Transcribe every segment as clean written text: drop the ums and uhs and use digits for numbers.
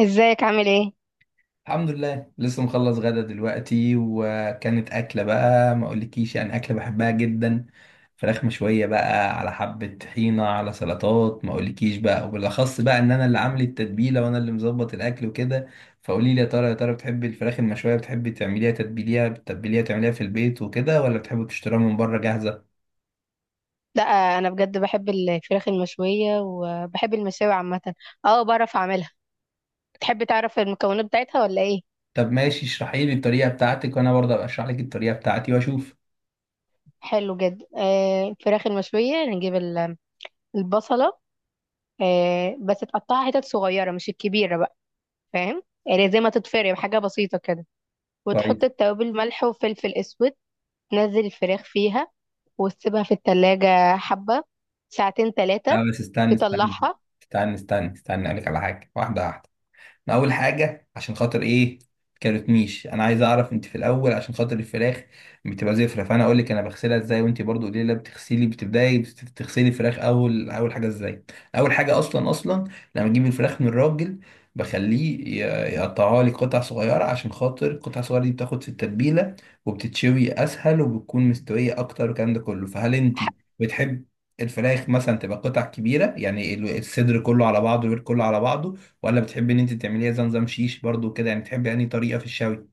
ازيك عامل ايه؟ الحمد لله لسه مخلص غدا دلوقتي، وكانت أكلة بقى ما أقولكيش أكلة بحبها جدا. فراخ مشوية بقى على حبة طحينة على سلطات ما أقولكيش بقى، وبالأخص بقى إن أنا اللي عامل التتبيلة وأنا اللي مظبط الأكل وكده. فقولي لي يا ترى بتحبي الفراخ المشوية، بتحبي تعمليها، تتبيليها، بتتبيليها تعمليها في البيت وكده، ولا بتحبي تشتريها من بره جاهزة؟ لا، انا بجد بحب الفراخ المشوية وبحب المشاوي عامة. اه، بعرف اعملها. تحب تعرف المكونات بتاعتها ولا ايه؟ طب ماشي، اشرحي لي الطريقة بتاعتك وأنا برضه أبقى أشرح لك الطريقة بتاعتي وأشوف. حلو جدا. الفراخ المشوية نجيب البصلة. آه، بس تقطعها حتت صغيرة مش الكبيرة بقى. فاهم؟ يعني زي ما تتفرم حاجة بسيطة كده. وتحط كويس. التوابل، ملح وفلفل اسود. تنزل الفراخ فيها وتسيبها في التلاجة حبة، ساعتين تلاتة، لا بس استنى استنى تطلعها. استنى استنى استنى أقولك على حاجة واحدة واحدة. انا اول حاجه عشان خاطر ايه كلمتنيش، انا عايز اعرف انت في الاول عشان خاطر الفراخ بتبقى زفره، فانا اقول لك انا بغسلها ازاي، وانت برضو قولي لي، لا بتغسلي، بتبداي بتغسلي الفراخ اول اول حاجه ازاي. اول حاجه اصلا، لما اجيب الفراخ من الراجل بخليه يقطعها لي قطع صغيره، عشان خاطر القطع الصغيره دي بتاخد في التتبيله وبتتشوي اسهل وبتكون مستويه اكتر والكلام ده كله. فهل انت بتحب الفراخ مثلا تبقى قطع كبيره، يعني الصدر كله على بعضه والوير كله على بعضه، ولا بتحبي ان انت تعمليها زي نظام شيش برضو كده؟ يعني بتحبي انهي طريقه في الشوي؟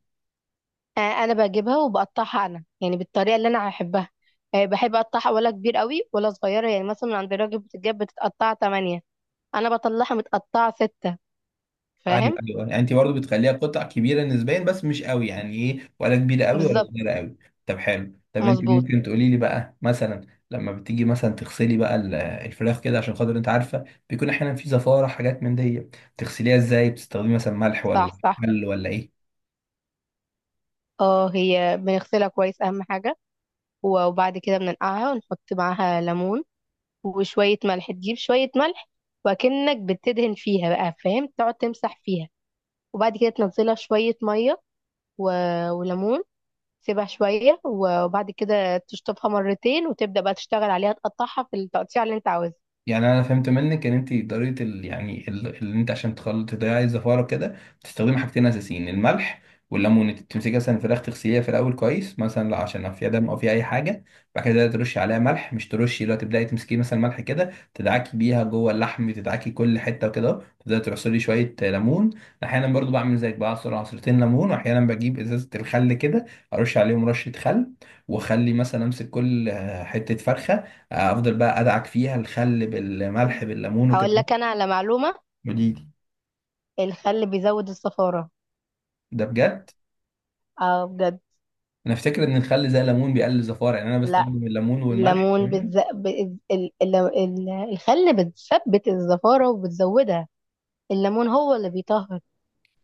انا بجيبها وبقطعها انا يعني بالطريقه اللي انا هحبها. بحب اقطعها، ولا كبير قوي ولا صغيره. يعني مثلا من عند الراجل بتتجاب بتتقطع 8، انا بطلعها متقطعه 6. ايوه فاهم؟ ايوه يعني انت برضو بتخليها قطع كبيره نسبيا بس مش قوي، يعني ايه، ولا كبيره قوي ولا بالظبط. صغيره قوي. طب حلو. طب انت مظبوط. ممكن تقولي لي بقى مثلا لما بتيجي مثلا تغسلي بقى الفراخ كده، عشان خاطر انت عارفه بيكون احيانا في زفاره حاجات من دي، بتغسليها ازاي؟ بتستخدمي مثلا ملح ولا صح، صح. خل ولا ايه؟ اه، هي بنغسلها كويس اهم حاجه. وبعد كده بننقعها ونحط معاها ليمون وشويه ملح. تجيب شويه ملح وكأنك بتدهن فيها بقى، فاهم، تقعد تمسح فيها. وبعد كده تنزلها في شويه ميه و... وليمون. سيبها شوية وبعد كده تشطفها مرتين وتبدأ بقى تشتغل عليها، تقطعها في التقطيع اللي انت عاوزها. يعني انا فهمت منك ان انت طريقه ال... يعني اللي انت عشان تخلط تضيعي الزفاره كده بتستخدمي حاجتين اساسيين، الملح والليمون. انت بتمسكي مثلا الفراخ تغسليها في الاول كويس مثلا، لا عشان لو فيها دم او فيها اي حاجه، بعد كده ترشي عليها ملح، مش ترشي، لو تبداي تمسكي مثلا ملح كده تدعكي بيها جوه اللحم، تدعكي كل حته وكده، تبداي تعصري شويه ليمون. احيانا برضو بعمل زيك، بعصر عصرتين ليمون، واحيانا بجيب ازازه الخل كده ارش عليهم رشه خل، واخلي مثلا امسك كل حته فرخه، افضل بقى ادعك فيها الخل بالملح بالليمون هقول وكده. لك انا على معلومة: ودي دي الخل بيزود الصفارة. ده بجد؟ اه، بجد. انا افتكر ان الخل زي الليمون بيقلل الزفاره، يعني انا لا، بستخدم الليمون والملح الليمون تمام. الخل بتثبت الزفارة وبتزودها. الليمون هو اللي بيطهر.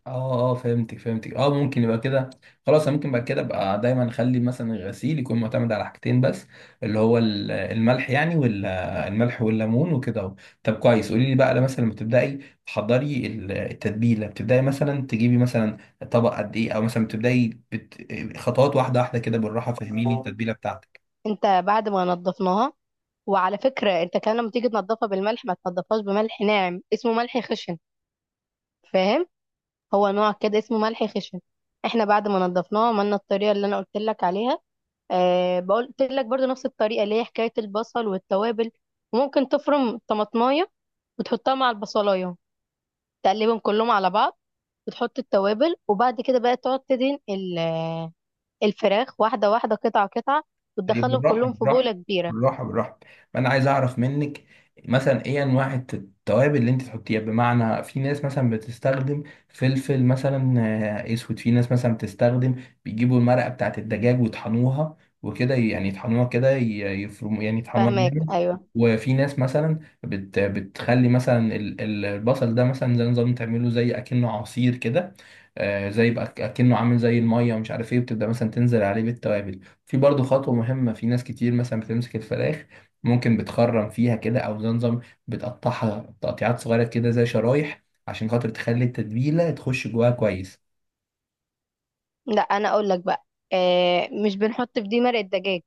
اه. اه، فهمتك، اه ممكن يبقى كده. خلاص أنا ممكن بعد كده ابقى دايما اخلي مثلا الغسيل يكون معتمد على حاجتين بس، اللي هو الملح، يعني والملح والليمون وكده اهو. طب كويس، قولي لي بقى لما مثلا لما تبداي تحضري التتبيله، بتبداي مثلا تجيبي مثلا طبق قد ايه، او مثلا بتبداي بت... خطوات واحده واحده كده بالراحه، فهميني التتبيله بتاعتك. انت بعد ما نضفناها، وعلى فكرة انت كان لما تيجي تنضفها بالملح، ما تنضفهاش بملح ناعم، اسمه ملح خشن. فاهم؟ هو نوع كده اسمه ملح خشن. احنا بعد ما نضفناها عملنا الطريقة اللي انا قلت لك عليها. أه، قلت لك برضو نفس الطريقة اللي هي حكاية البصل والتوابل. وممكن تفرم طماطماية وتحطها مع البصلاية، تقلبهم كلهم على بعض. وتحط التوابل، وبعد كده بقى تقعد تدهن الفراخ واحدة واحدة، قطعة قطعة، طيب وتدخلهم بالراحة كلهم في بالراحة بولة كبيرة. بالراحة بالراحة فأنا عايز أعرف منك مثلا إيه أنواع التوابل اللي أنت تحطيها. بمعنى في ناس مثلا بتستخدم فلفل مثلا أسود، في ناس مثلا بتستخدم بيجيبوا المرقة بتاعة الدجاج ويطحنوها وكده، يعني يطحنوها كده يفرموا، يعني يطحنوها فاهماك. جامد. أيوة. وفي ناس مثلا بت بتخلي مثلا البصل ده مثلا زي نظام تعمله زي اكنه عصير كده، زي يبقى اكنه عامل زي الميه ومش عارف ايه، بتبدا مثلا تنزل عليه بالتوابل. في برضه خطوة مهمة في ناس كتير مثلا بتمسك الفراخ ممكن بتخرم فيها كده أو زمزم بتقطعها تقطيعات صغيرة كده زي شرايح، عشان خاطر تخلي التتبيلة تخش جواها كويس. لا، أنا أقول لك بقى. أه، مش بنحط في دي مرق الدجاج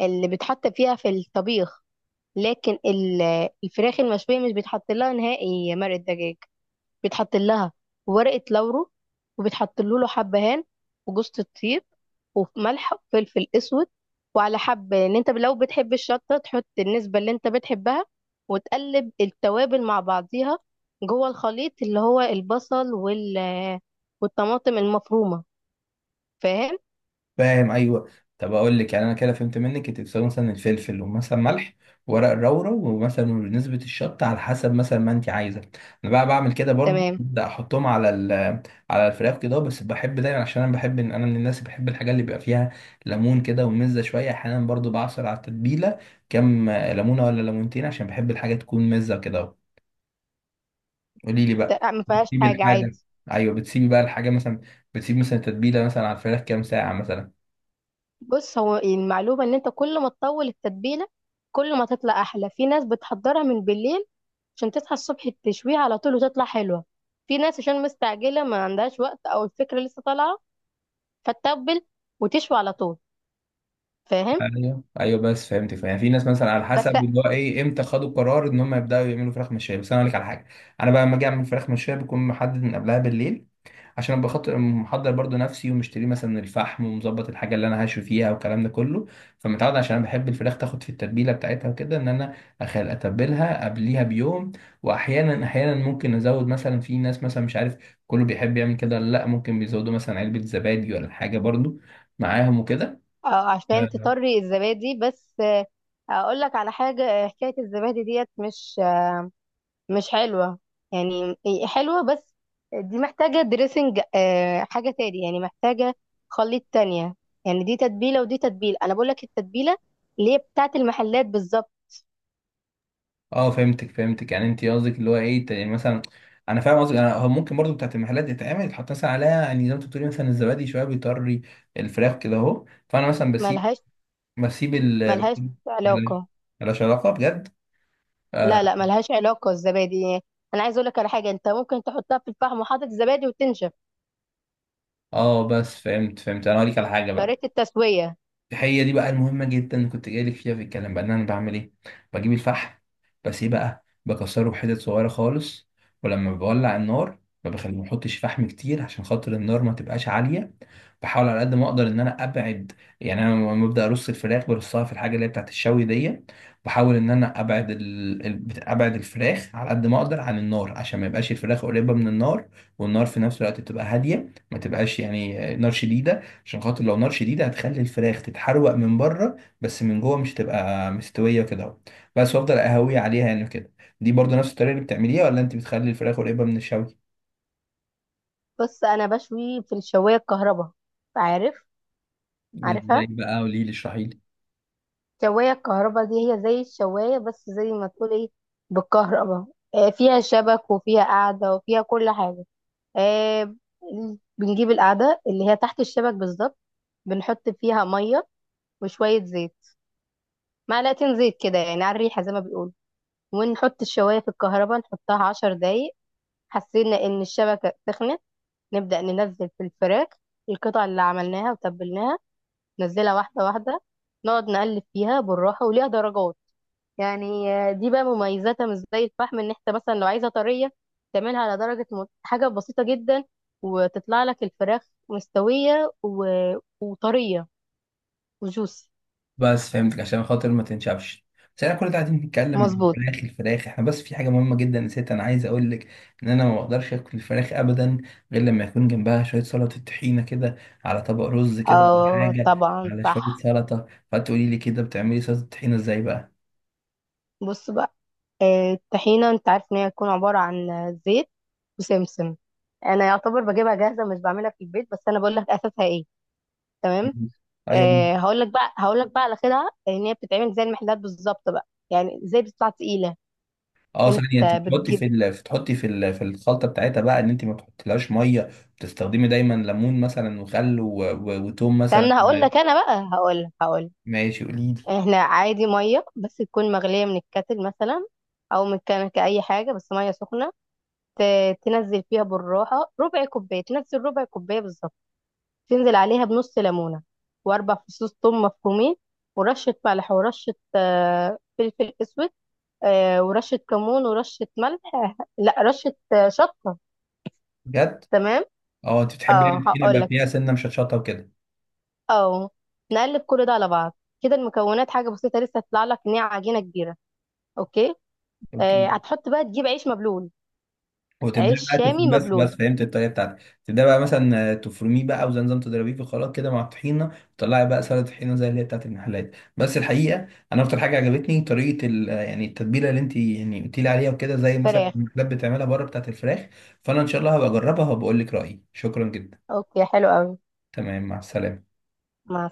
اللي بتحط فيها في الطبيخ. لكن الفراخ المشوية مش بيتحط لها نهائي مرق الدجاج. بيتحط لها ورقة لورو، وبيتحط له حبهان، وجوزة الطيب، وملح وفلفل اسود. وعلى حبة، ان انت لو بتحب الشطة، تحط النسبة اللي انت بتحبها. وتقلب التوابل مع بعضيها جوه الخليط اللي هو البصل والطماطم المفرومة. فاهم؟ فاهم ايوه. طب اقول لك، يعني انا كده فهمت منك انت بتساوي مثلا الفلفل ومثلا ملح ورق الرورة ومثلا نسبة الشطة على حسب مثلا ما انت عايزة. انا بقى بعمل كده برضو، تمام. ببدأ احطهم على ال على الفراخ كده، بس بحب دايما عشان انا بحب ان انا من الناس اللي بحب الحاجات اللي بيبقى فيها ليمون كده ومزة شوية، احيانا برضو بعصر على التتبيلة كام ليمونة ولا ليمونتين عشان بحب الحاجة تكون مزة كده. قولي لي بقى ما فيهاش بتسيبي حاجة، الحاجة، عادي. ايوه بتسيبي بقى الحاجة مثلا، بتسيبي مثلا التتبيلة مثلا على الفراخ كام ساعة مثلا؟ بص، هو المعلومة ان انت كل ما تطول التتبيلة، كل ما تطلع احلى. في ناس بتحضرها من بالليل عشان تصحى الصبح تشويها على طول وتطلع حلوة. في ناس عشان مستعجلة ما عندهاش وقت، أو الفكرة لسه طالعة، فتتبل وتشوي على طول. فاهم؟ ايوه بس فهمت فهمت. يعني في ناس مثلا على بس. حسب اللي هو ايه امتى خدوا قرار ان هم يبداوا يعملوا فراخ مشويه، بس انا اقول لك على حاجه. انا بقى لما اجي اعمل فراخ مشويه بكون محدد من قبلها بالليل، عشان ابقى خاطر محضر برضو نفسي ومشتري مثلا الفحم ومظبط الحاجه اللي انا هشوي فيها والكلام ده كله. فمتعود عشان انا بحب الفراخ تاخد في التتبيله بتاعتها وكده ان انا اخل اتبلها قبليها بيوم. واحيانا ممكن ازود مثلا، في ناس مثلا مش عارف كله بيحب يعمل كده ولا لا، ممكن بيزودوا مثلا علبه زبادي ولا حاجه برضو معاهم وكده. آه، عشان تطري الزبادي بس. آه، أقول لك على حاجة، حكاية الزبادي ديت مش مش حلوة. يعني هي حلوة، بس دي محتاجة دريسنج، حاجة تاني، يعني محتاجة خليط تانية. يعني دي تتبيلة ودي تتبيلة. أنا بقول لك التتبيلة اللي هي بتاعت المحلات بالظبط. اه، فهمتك. يعني انت قصدك اللي هو ايه يعني مثلا انا فاهم قصدك، انا هو ممكن برضو بتاعت المحلات يتعمل يتحط مثلا عليها، يعني زي ما انت بتقولي مثلا الزبادي شويه بيطري الفراخ كده اهو، فانا مثلا بسيب، ملهاش، بسيب ال ملهاش بسيب. ملاش، علاقة. ملاش علاقه بجد. اه. لا لا، ملهاش علاقة الزبادي. أنا عايز أقولك على حاجة: أنت ممكن تحطها في الفحم وحاطط الزبادي وتنشف. بس فهمت، انا هقول لك على حاجه بقى. طريقة التسوية. هي دي بقى المهمة جدا اللي كنت جايلك فيها في الكلام، بقى ان انا بعمل ايه. بجيب الفحم بس ايه بقى، بكسره بحتت صغيرة خالص، ولما بولع النار ما بخلي ما احطش فحم كتير عشان خاطر النار ما تبقاش عالية. بحاول على قد ما اقدر ان انا ابعد، يعني انا لما ببدا ارص الفراخ برصها في الحاجة اللي هي بتاعت الشوي دي، بحاول ان انا ابعد ال... ابعد الفراخ على قد ما اقدر عن النار، عشان ما يبقاش الفراخ قريبة من النار، والنار في نفس الوقت تبقى هادية ما تبقاش يعني نار شديدة، عشان خاطر لو نار شديدة هتخلي الفراخ تتحروق من بره بس من جوه مش تبقى مستوية كده اهو. بس وافضل اهوي عليها يعني كده. دي برضو نفس الطريقة اللي بتعمليها، ولا انت بتخلي الفراخ قريبة من الشوي؟ بص، أنا بشوي في الشواية الكهرباء. عارف؟ ازاي عارفها. بقى، قولي لي، اشرحي لي. الشواية الكهرباء دي هي زي الشواية، بس زي ما تقول إيه، بالكهرباء. فيها شبك وفيها قعدة وفيها كل حاجة. آه، بنجيب القعدة اللي هي تحت الشبك بالظبط، بنحط فيها مية وشوية زيت. معلقتين زيت كده يعني، على الريحة زي ما بيقولوا. ونحط الشواية في الكهرباء، نحطها 10 دقايق. حسينا ان الشبكه سخنت، نبدا ننزل في الفراخ، القطع اللي عملناها وتبلناها. ننزلها واحده واحده، نقعد نقلب فيها بالراحه، وليها درجات. يعني دي بقى مميزاتها مش زي الفحم، ان انت مثلا لو عايزه طريه، تعملها على درجه حاجه بسيطه جدا، وتطلع لك الفراخ مستويه وطريه وجوسي. بس فهمتك، عشان خاطر ما تنشفش. بس احنا كل ده قاعدين بنتكلم عن مظبوط. الفراخ، احنا بس في حاجة مهمة جدا نسيت انا عايز اقول لك، ان انا ما اقدرش اكل الفراخ ابدا غير لما يكون جنبها شوية سلطة طحينة كده، على طبق رز كده ولا اه حاجة، طبعا، على شوية صح. سلطة. فتقولي لي كده بتعملي سلطة طحينة ازاي بقى؟ بص بقى، الطحينة انت عارف ان هي هتكون عبارة عن زيت وسمسم. انا يعتبر بجيبها جاهزة مش بعملها في البيت، بس انا بقول لك اساسها ايه. تمام. ايوه. آه، هقول لك بقى على كده ان هي بتتعمل زي المحلات بالظبط بقى، يعني زي بتطلع تقيلة. اه انت ثانيه، انت بتحطي في بتجيب، ال... بتحطي في ال... في الخلطه بتاعتها بقى ان انت ما تحطيلهاش ميه، بتستخدمي دايما ليمون مثلا وخل و... و... وتوم مثلا. استنى، هقول لك انا بقى هقول لك هقول لك. ماشي قولي لي. احنا عادي مية، بس تكون مغلية من الكاتل مثلا او من كنكة اي حاجة، بس مية سخنة. تنزل فيها بالراحة ربع كوباية، تنزل ربع كوباية بالظبط. تنزل عليها بنص ليمونة، وأربع فصوص ثوم مفرومين، ورشة ملح، ورشة فلفل أسود، ورشة كمون، ورشة ملح آه، لا رشة شطة. بجد؟ تمام. اه انت بتحبي يعني اه، الطحينه هقول يبقى لك. فيها سنه مشطشطه وكده. اه، نقلب كل ده على بعض. كده المكونات حاجة بسيطة. لسه هتطلع لك إن هي عجينة كبيرة. اوكي. اوكي. هتحط بقى، تجيب عيش مبلول، وتبدأ عيش بقى شامي تفرميه، بس مبلول بس فهمت الطريقة بتاعتك. تبدأ بقى مثلا تفرميه بقى وزي نظام تضربيه في الخلاط كده مع الطحينة، وتطلعي بقى سلطة طحينة زي اللي هي بتاعت المحلات. بس الحقيقة أنا أكتر حاجة عجبتني طريقة ال يعني التتبيلة اللي أنت يعني قلتي لي عليها وكده، زي مثلا فراخ. المحلات بتعملها بره بتاعت الفراخ. فأنا إن شاء الله هبقى أجربها وبقول لك رأيي. شكرا جدا. اوكي، حلو قوي. تمام، مع السلامة. مع.